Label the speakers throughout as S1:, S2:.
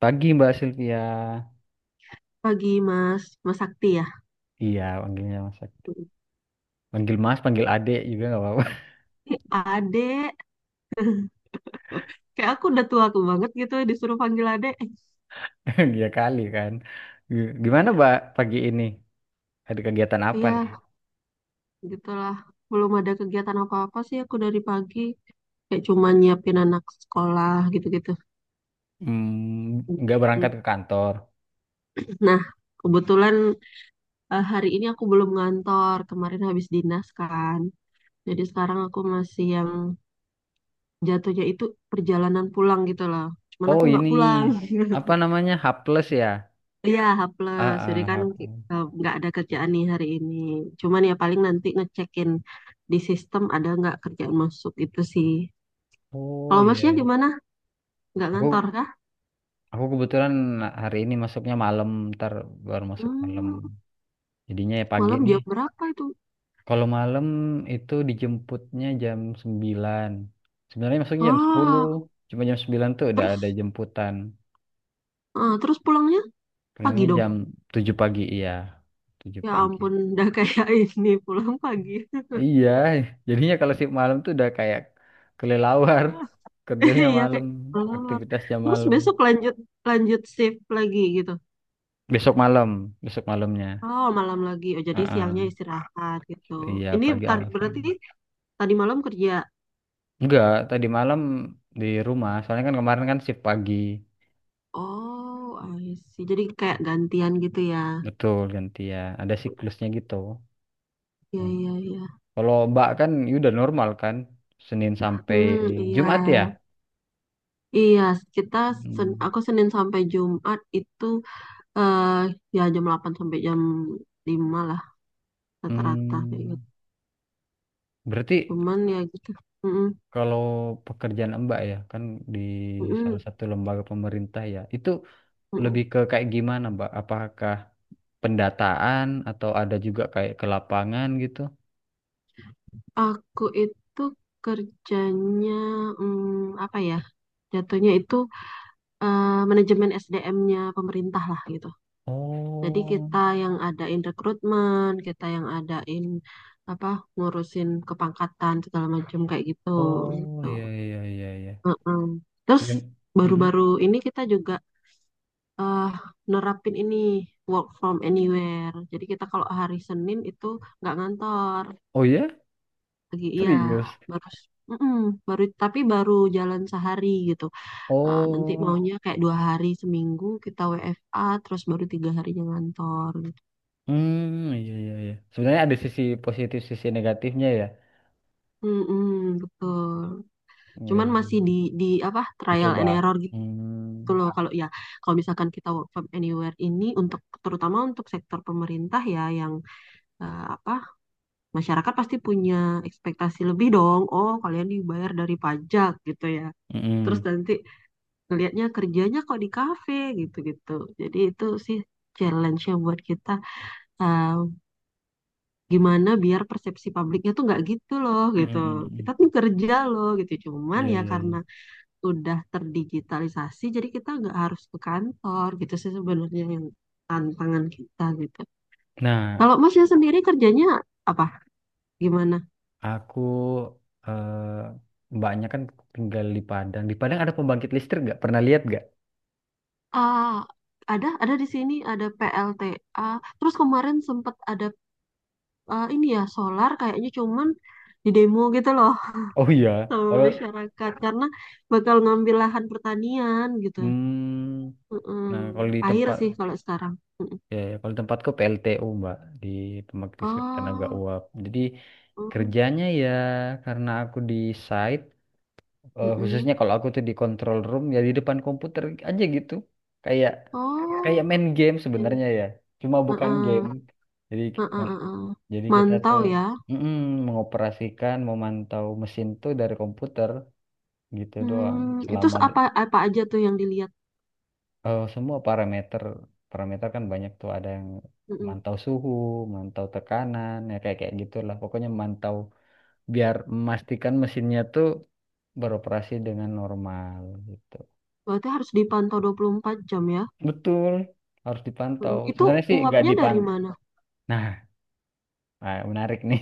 S1: Pagi Mbak Cynthia.
S2: Pagi Mas, Mas Sakti ya.
S1: Iya, panggilnya Mas. Panggil Mas, panggil Adek juga nggak apa-apa.
S2: Ih, Ade, kayak aku udah tua aku banget gitu disuruh panggil Ade.
S1: Dia kali kan. Gimana Mbak pagi ini? Ada kegiatan apa nih?
S2: Iya, gitulah. Belum ada kegiatan apa-apa sih aku dari pagi. Kayak cuma nyiapin anak sekolah gitu-gitu.
S1: Hmm, nggak berangkat
S2: Hmm.
S1: ke kantor.
S2: Nah, kebetulan hari ini aku belum ngantor. Kemarin habis dinas kan. Jadi sekarang aku masih yang jatuhnya itu perjalanan pulang gitu loh. Cuman
S1: Oh
S2: aku nggak
S1: ini
S2: pulang.
S1: apa namanya? H plus ya?
S2: Iya, H plus. Jadi
S1: Ah, ah,
S2: kan
S1: H plus.
S2: nggak ada kerjaan nih hari ini. Cuman ya paling nanti ngecekin di sistem ada nggak kerjaan masuk itu sih.
S1: Oh
S2: Kalau
S1: iya,
S2: masnya
S1: iya.
S2: gimana? Nggak ngantor
S1: Aku
S2: kah?
S1: aku kebetulan hari ini masuknya malam, ntar baru masuk malam.
S2: Hmm,
S1: Jadinya ya pagi
S2: malam
S1: ini.
S2: jam berapa itu?
S1: Kalau malam itu dijemputnya jam 9. Sebenarnya maksudnya jam sepuluh,
S2: Oh,
S1: cuma jam 9 tuh udah
S2: terus
S1: ada jemputan.
S2: terus pulangnya pagi
S1: Pulangnya
S2: dong.
S1: jam 7 pagi, iya. 7
S2: Ya
S1: pagi.
S2: ampun, udah kayak ini pulang pagi.
S1: Iya, jadinya kalau shift malam tuh udah kayak kelelawar. Kerjanya
S2: Iya
S1: malam,
S2: kayak keluar.
S1: aktivitasnya
S2: Terus
S1: malam.
S2: besok lanjut lanjut shift lagi gitu.
S1: Besok malam, besok malamnya.
S2: Oh, malam lagi. Oh, jadi siangnya
S1: Heeh.
S2: istirahat gitu.
S1: Iya,
S2: Ini
S1: pagi awas
S2: berarti
S1: ini.
S2: tadi malam kerja.
S1: Enggak, tadi malam di rumah. Soalnya kan kemarin kan shift pagi.
S2: Oh, I see. Jadi kayak gantian gitu ya.
S1: Betul, gantian. Ada siklusnya gitu.
S2: Iya,
S1: Hmm.
S2: iya, iya.
S1: Kalau Mbak kan ya udah normal kan, Senin sampai
S2: Hmm, iya.
S1: Jumat ya.
S2: Iya, kita
S1: Hmm.
S2: aku Senin sampai Jumat itu eh ya jam 8 sampai jam 5 lah rata-rata kayak
S1: Hmm,
S2: gitu.
S1: berarti
S2: Cuman ya gitu. Mm-mm,
S1: kalau pekerjaan Mbak ya kan di salah
S2: mm-mm,
S1: satu lembaga pemerintah ya, itu lebih
S2: mm-mm.
S1: ke kayak gimana Mbak? Apakah pendataan atau ada juga kayak ke lapangan gitu?
S2: Aku itu kerjanya apa ya? Jatuhnya itu manajemen SDM-nya pemerintah lah gitu. Jadi
S1: Oh,
S2: kita yang adain rekrutmen, kita yang adain apa ngurusin kepangkatan segala macam kayak gitu
S1: oh
S2: gitu.
S1: ya ya ya ya.
S2: Heeh. Terus
S1: Yang, mm-mm.
S2: baru-baru ini kita juga eh, nerapin ini work from anywhere. Jadi kita kalau hari Senin itu nggak ngantor
S1: Oh ya?
S2: lagi, iya,
S1: Serius?
S2: baru mm-mm, baru tapi baru jalan sehari gitu. Nah, nanti
S1: Oh,
S2: maunya kayak 2 hari seminggu kita WFA terus baru 3 harinya ngantor.
S1: hmm, iya iya iya. Sebenarnya ada sisi positif, sisi negatifnya ya.
S2: mm Betul.
S1: Iya,
S2: Cuman
S1: iya,
S2: masih
S1: iya.
S2: di apa trial
S1: Dicoba.
S2: and error
S1: Hmm.
S2: gitu loh kalau ya kalau misalkan kita work from anywhere ini untuk terutama untuk sektor pemerintah ya yang apa masyarakat pasti punya ekspektasi lebih dong oh kalian dibayar dari pajak gitu ya terus
S1: Mm-mm.
S2: nanti ngelihatnya kerjanya kok di kafe gitu-gitu jadi itu sih challenge-nya buat kita eh, gimana biar persepsi publiknya tuh nggak gitu loh gitu
S1: Mm-mm, mm-mm.
S2: kita tuh kerja loh gitu cuman
S1: Iya,
S2: ya
S1: iya,
S2: karena
S1: iya.
S2: udah terdigitalisasi, jadi kita nggak harus ke kantor gitu sih sebenarnya yang tantangan kita gitu.
S1: Nah,
S2: Kalau Masnya sendiri kerjanya apa? Gimana?
S1: aku mbaknya kan tinggal di Padang. Di Padang ada pembangkit listrik nggak? Pernah lihat nggak?
S2: Ah, ada di sini ada PLTA. Terus kemarin sempat ada ini ya solar kayaknya cuman di demo gitu loh
S1: Oh iya.
S2: sama
S1: Kalau
S2: masyarakat karena bakal ngambil lahan pertanian gitu.
S1: hmm, nah
S2: Mm-mm.
S1: kalau di
S2: Air
S1: tempat
S2: sih kalau sekarang. Mm-mm.
S1: ya, ya, kalau di tempatku PLTU Mbak, di pembangkit listrik tenaga
S2: Oh,
S1: uap. Jadi
S2: mm,
S1: kerjanya ya karena aku di site,
S2: mm-mm.
S1: khususnya kalau aku tuh di control room ya di depan komputer aja gitu. Kayak kayak
S2: Oh,
S1: main game
S2: ini.
S1: sebenarnya ya, cuma bukan game
S2: Heeh.
S1: jadi
S2: Heeh, heeh, heeh.
S1: jadi kita
S2: Mantau
S1: tuh
S2: ya.
S1: mm, mengoperasikan memantau mesin tuh dari komputer gitu doang
S2: Hmm, itu
S1: selama
S2: apa apa aja tuh yang dilihat?
S1: semua parameter, parameter kan banyak tuh, ada yang
S2: Heeh.
S1: mantau suhu, mantau tekanan, ya kayak kayak gitulah pokoknya mantau biar memastikan mesinnya tuh beroperasi dengan normal gitu.
S2: Berarti harus dipantau 24 jam ya.
S1: Betul, harus dipantau,
S2: Heeh. Itu
S1: sebenarnya sih nggak
S2: uapnya dari
S1: dipantau.
S2: mana?
S1: Nah, menarik nih,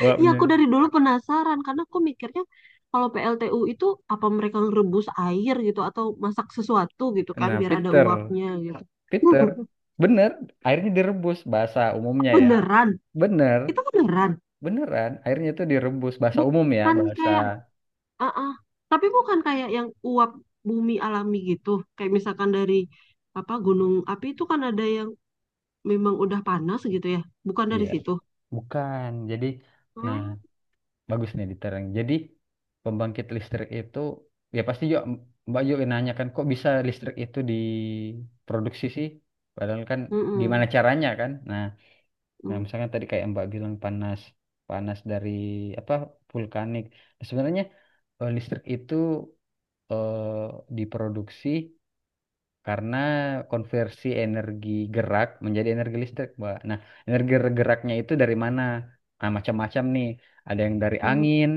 S2: Iya,
S1: wapnya.
S2: aku dari dulu penasaran karena aku mikirnya kalau PLTU itu apa mereka ngerebus air gitu atau masak sesuatu gitu kan
S1: Nah,
S2: biar ada
S1: Peter,
S2: uapnya gitu.
S1: Peter, bener, airnya direbus bahasa umumnya ya.
S2: Beneran.
S1: Bener,
S2: Itu beneran.
S1: beneran, airnya itu direbus bahasa umum ya,
S2: Bukan
S1: bahasa
S2: kayak ah ah. Tapi bukan kayak yang uap bumi alami gitu. Kayak misalkan dari apa gunung api itu kan ada yang memang udah panas gitu ya? Bukan dari
S1: iya,
S2: situ.
S1: bukan. Jadi, nah,
S2: Hmm.
S1: bagus nih diterang. Jadi, pembangkit listrik itu ya pasti yuk Mbak yuk nanya kan kok bisa listrik itu diproduksi sih? Padahal kan gimana
S2: Mm-mm.
S1: caranya kan? Nah, nah
S2: Mm,
S1: misalkan tadi kayak Mbak bilang panas, panas dari apa vulkanik. Nah, sebenarnya listrik itu eh, diproduksi karena konversi energi gerak menjadi energi listrik, Mbak. Nah, energi geraknya itu dari mana? Nah, macam-macam nih. Ada yang dari
S2: mm,
S1: angin,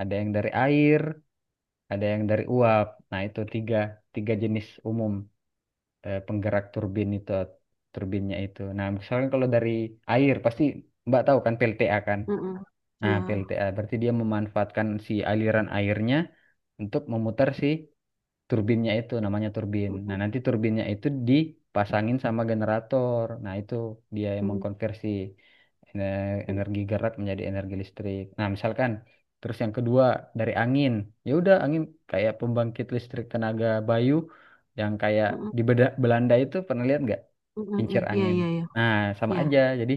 S1: ada yang dari air, ada yang dari uap. Nah, itu tiga, tiga jenis umum penggerak turbin itu, turbinnya itu. Nah, misalkan kalau dari air, pasti Mbak tahu kan PLTA kan?
S2: mm-mm.
S1: Nah,
S2: Ya.
S1: PLTA berarti dia memanfaatkan si aliran airnya untuk memutar si turbinnya itu, namanya turbin. Nah,
S2: Mm-mm.
S1: nanti turbinnya itu dipasangin sama generator. Nah, itu dia yang
S2: Mm,
S1: mengkonversi energi gerak menjadi energi listrik. Nah, misalkan terus yang kedua dari angin. Ya udah angin kayak pembangkit listrik tenaga bayu yang kayak
S2: mm-mm.
S1: di Belanda itu pernah lihat nggak?
S2: Mm-mm.
S1: Kincir
S2: Iya,
S1: angin.
S2: iya, iya.
S1: Nah, sama
S2: Iya,
S1: aja. Jadi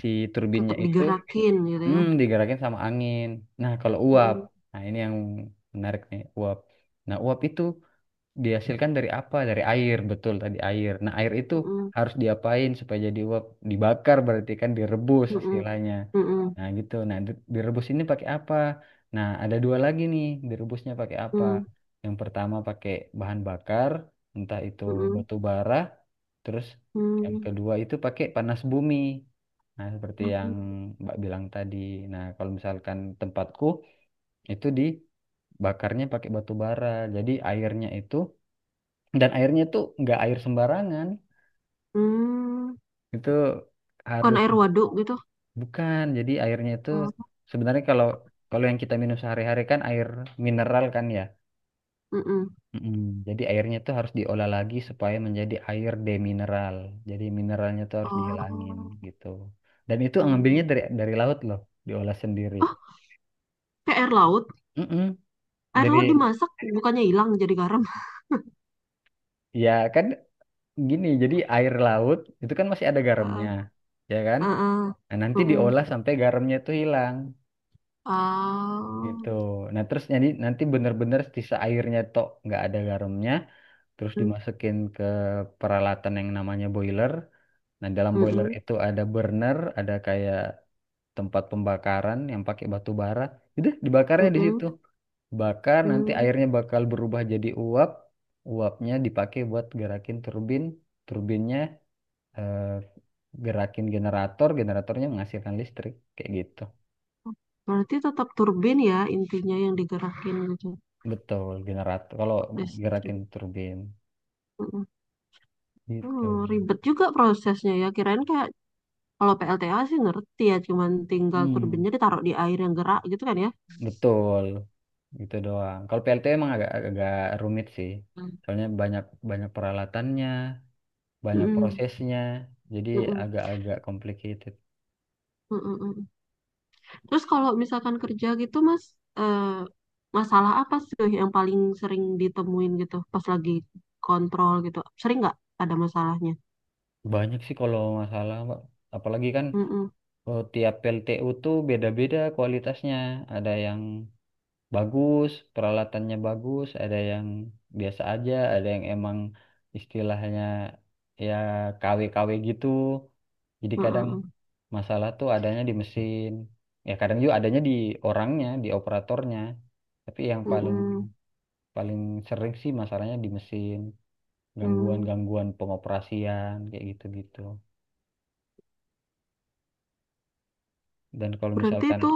S1: si turbinnya
S2: tetap
S1: itu
S2: digerakin gitu ya.
S1: hmm, digerakin sama angin. Nah, kalau uap.
S2: Mm-mm.
S1: Nah, ini yang menarik nih, uap. Nah, uap itu dihasilkan dari apa? Dari air, betul tadi air. Nah, air itu
S2: Mm-mm.
S1: harus diapain supaya jadi uap? Dibakar, berarti kan direbus
S2: Mm-mm.
S1: istilahnya.
S2: Mm-mm.
S1: Nah, gitu. Nah, direbus ini pakai apa? Nah, ada dua lagi nih, direbusnya pakai apa?
S2: Mm,
S1: Yang pertama pakai bahan bakar, entah itu
S2: mm-mm.
S1: batu bara, terus yang
S2: Mm,
S1: kedua itu pakai panas bumi. Nah, seperti yang
S2: mm-mm.
S1: Mbak bilang tadi. Nah, kalau misalkan tempatku itu dibakarnya pakai batu bara. Jadi airnya itu, dan airnya tuh nggak air sembarangan,
S2: Hmm.
S1: itu
S2: Bukan
S1: harus
S2: air waduk gitu.
S1: bukan, jadi airnya itu
S2: Oh.
S1: sebenarnya kalau kalau yang kita minum sehari-hari kan air mineral kan ya.
S2: Mm-mm.
S1: Mm-mm. Jadi airnya tuh harus diolah lagi supaya menjadi air demineral, jadi mineralnya tuh harus dihilangin
S2: Oh,
S1: gitu, dan itu
S2: iya, iya.
S1: ngambilnya dari laut loh, diolah sendiri.
S2: Oh, kayak air laut.
S1: Mm-mm.
S2: Air
S1: Jadi
S2: laut dimasak, bukannya hilang jadi garam.
S1: ya kan gini, jadi air laut itu kan masih ada garamnya
S2: Heeh.
S1: ya kan.
S2: Heeh.
S1: Nah, nanti
S2: Mm-mm.
S1: diolah sampai garamnya itu hilang
S2: Ah.
S1: gitu. Nah terus jadi nanti bener-bener sisa airnya tok nggak ada garamnya, terus
S2: Mm,
S1: dimasukin ke peralatan yang namanya boiler. Nah dalam boiler
S2: mm-mm,
S1: itu ada burner, ada kayak tempat pembakaran yang pakai batu bara. Udah dibakarnya di
S2: mm-mm,
S1: situ. Bakar nanti
S2: mm.
S1: airnya bakal berubah jadi uap. Uapnya dipakai buat gerakin turbin, turbinnya eh, gerakin generator, generatornya menghasilkan listrik kayak gitu.
S2: Berarti tetap turbin ya intinya yang digerakin gitu
S1: Betul, generator. Kalau
S2: Pak
S1: gerakin
S2: listrik.
S1: turbin.
S2: Mm-mm.
S1: Gitu.
S2: Hmm, ribet juga prosesnya ya. Kirain kayak kalau PLTA sih ngerti ya, cuman tinggal
S1: Hmm,
S2: turbinnya ditaruh di air yang gerak gitu kan ya.
S1: betul. Gitu doang. Kalau PLT emang agak agak rumit sih.
S2: Hmm.
S1: Soalnya banyak banyak peralatannya, banyak
S2: Mm-mm,
S1: prosesnya. Jadi
S2: mm-mm,
S1: agak-agak complicated.
S2: mm-mm, mm-mm. Terus kalau misalkan kerja gitu Mas, eh, masalah apa sih yang paling sering ditemuin gitu pas lagi kontrol gitu? Sering nggak ada masalahnya?
S1: Banyak sih kalau masalah, Mbak. Apalagi kan
S2: Mm-mm,
S1: tiap PLTU tuh beda-beda kualitasnya. Ada yang bagus, peralatannya bagus, ada yang biasa aja, ada yang emang istilahnya ya KW-KW gitu. Jadi kadang
S2: mm-mm,
S1: masalah tuh adanya di mesin. Ya kadang juga adanya di orangnya, di operatornya. Tapi yang paling
S2: mm-mm,
S1: paling sering sih masalahnya di mesin,
S2: mm.
S1: gangguan-gangguan pengoperasian kayak gitu-gitu. Dan kalau
S2: Berarti
S1: misalkan
S2: itu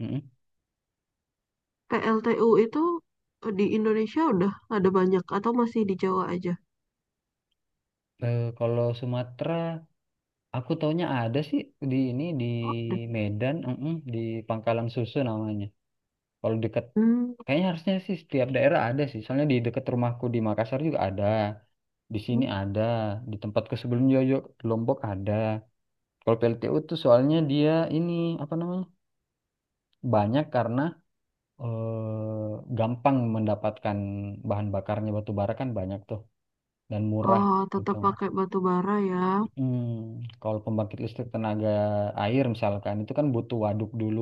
S1: mm-mm.
S2: PLTU itu di Indonesia udah ada banyak atau masih di Jawa aja?
S1: Eh, kalau Sumatera aku taunya ada sih di ini di
S2: Oh, ada.
S1: Medan, mm-mm, di Pangkalan Susu namanya. Kalau deket,
S2: Hmm.
S1: kayaknya harusnya sih setiap daerah ada sih. Soalnya di deket rumahku di Makassar juga ada, di sini ada, di tempatku sebelum Yoyo Lombok ada. Kalau PLTU tuh soalnya dia ini apa namanya banyak karena eh, gampang mendapatkan bahan bakarnya batu bara kan banyak tuh dan murah
S2: Oh,
S1: gitu.
S2: tetap pakai batu bara ya.
S1: Hmm, kalau pembangkit listrik tenaga air misalkan itu kan butuh waduk dulu,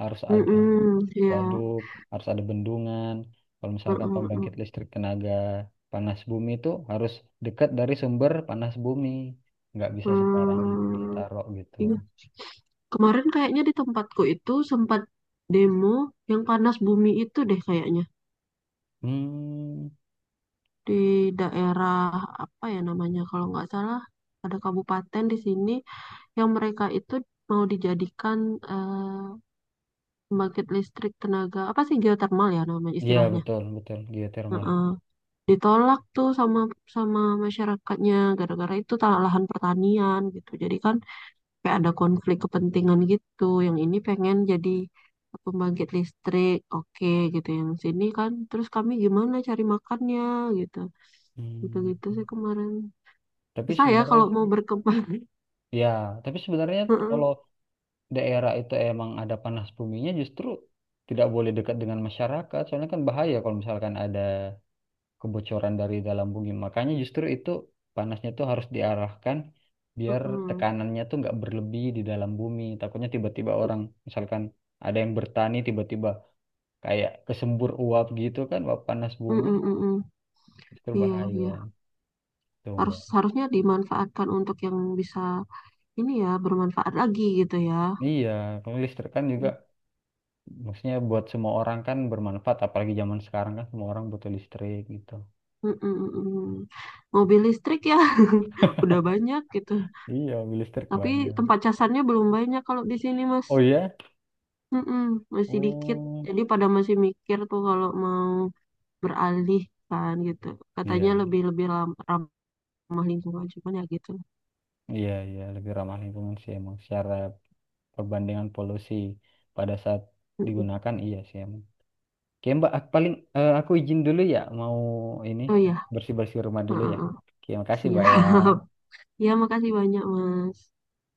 S1: harus ada
S2: Mm-mm, ya.
S1: waduk, harus ada bendungan. Kalau misalkan pembangkit
S2: Mm-mm-mm.
S1: listrik tenaga panas bumi itu harus dekat dari sumber panas bumi, nggak bisa sembarangan
S2: Hmm,
S1: ditaruh gitu.
S2: iya. Kemarin kayaknya di tempatku itu sempat demo yang panas bumi itu deh kayaknya.
S1: Hmm,
S2: Di daerah apa ya namanya kalau nggak salah ada kabupaten di sini yang mereka itu mau dijadikan eh, pembangkit listrik tenaga apa sih geothermal ya nama
S1: iya
S2: istilahnya.
S1: betul betul geotermal.
S2: Heeh. Ditolak tuh sama sama masyarakatnya gara-gara itu tanah lahan pertanian gitu. Jadi kan kayak ada konflik kepentingan gitu. Yang ini pengen jadi pembangkit listrik, oke gitu. Yang sini kan terus kami gimana cari makannya gitu.
S1: Hmm,
S2: Gitu-gitu sih kemarin.
S1: tapi
S2: Susah ya
S1: sebenarnya
S2: kalau
S1: sih,
S2: mau berkembang.
S1: ya tapi sebenarnya
S2: Heeh,
S1: kalau daerah itu emang ada panas buminya justru tidak boleh dekat dengan masyarakat. Soalnya kan bahaya kalau misalkan ada kebocoran dari dalam bumi. Makanya justru itu panasnya tuh harus diarahkan biar
S2: heeh.
S1: tekanannya tuh nggak berlebih di dalam bumi. Takutnya tiba-tiba orang misalkan ada yang bertani tiba-tiba kayak kesembur uap gitu kan, uap panas
S2: Mm,
S1: bumi
S2: mm, mm, mm.
S1: justru
S2: Iya, iya.
S1: bahaya tuh
S2: Harus
S1: Mbak.
S2: harusnya dimanfaatkan untuk yang bisa ini ya bermanfaat lagi gitu ya.
S1: Iya, kalau listrik kan juga
S2: Mm,
S1: maksudnya buat semua orang kan bermanfaat apalagi zaman sekarang kan semua orang butuh listrik gitu.
S2: mm, mm, mm. Mobil listrik ya udah banyak gitu.
S1: Iya, mobil listrik
S2: Tapi
S1: banyak.
S2: tempat casannya belum banyak kalau di sini Mas.
S1: Oh iya?
S2: Mm, mm, masih dikit.
S1: Oh,
S2: Jadi pada masih mikir tuh kalau mau beralih kan gitu.
S1: iya,
S2: Katanya
S1: iya.
S2: lebih lebih lam- ramah lingkungan cuman ya gitu.
S1: Iya, iya, lebih ramah lingkungan sih emang. Secara perbandingan polusi pada saat
S2: Mm, mm.
S1: digunakan, iya sih emang. Oke, Mbak, aku paling aku izin dulu ya, mau ini
S2: Oh ya,
S1: bersih-bersih rumah dulu ya. Oke, makasih,
S2: siap.
S1: Mbak ya.
S2: Ya makasih banyak Mas.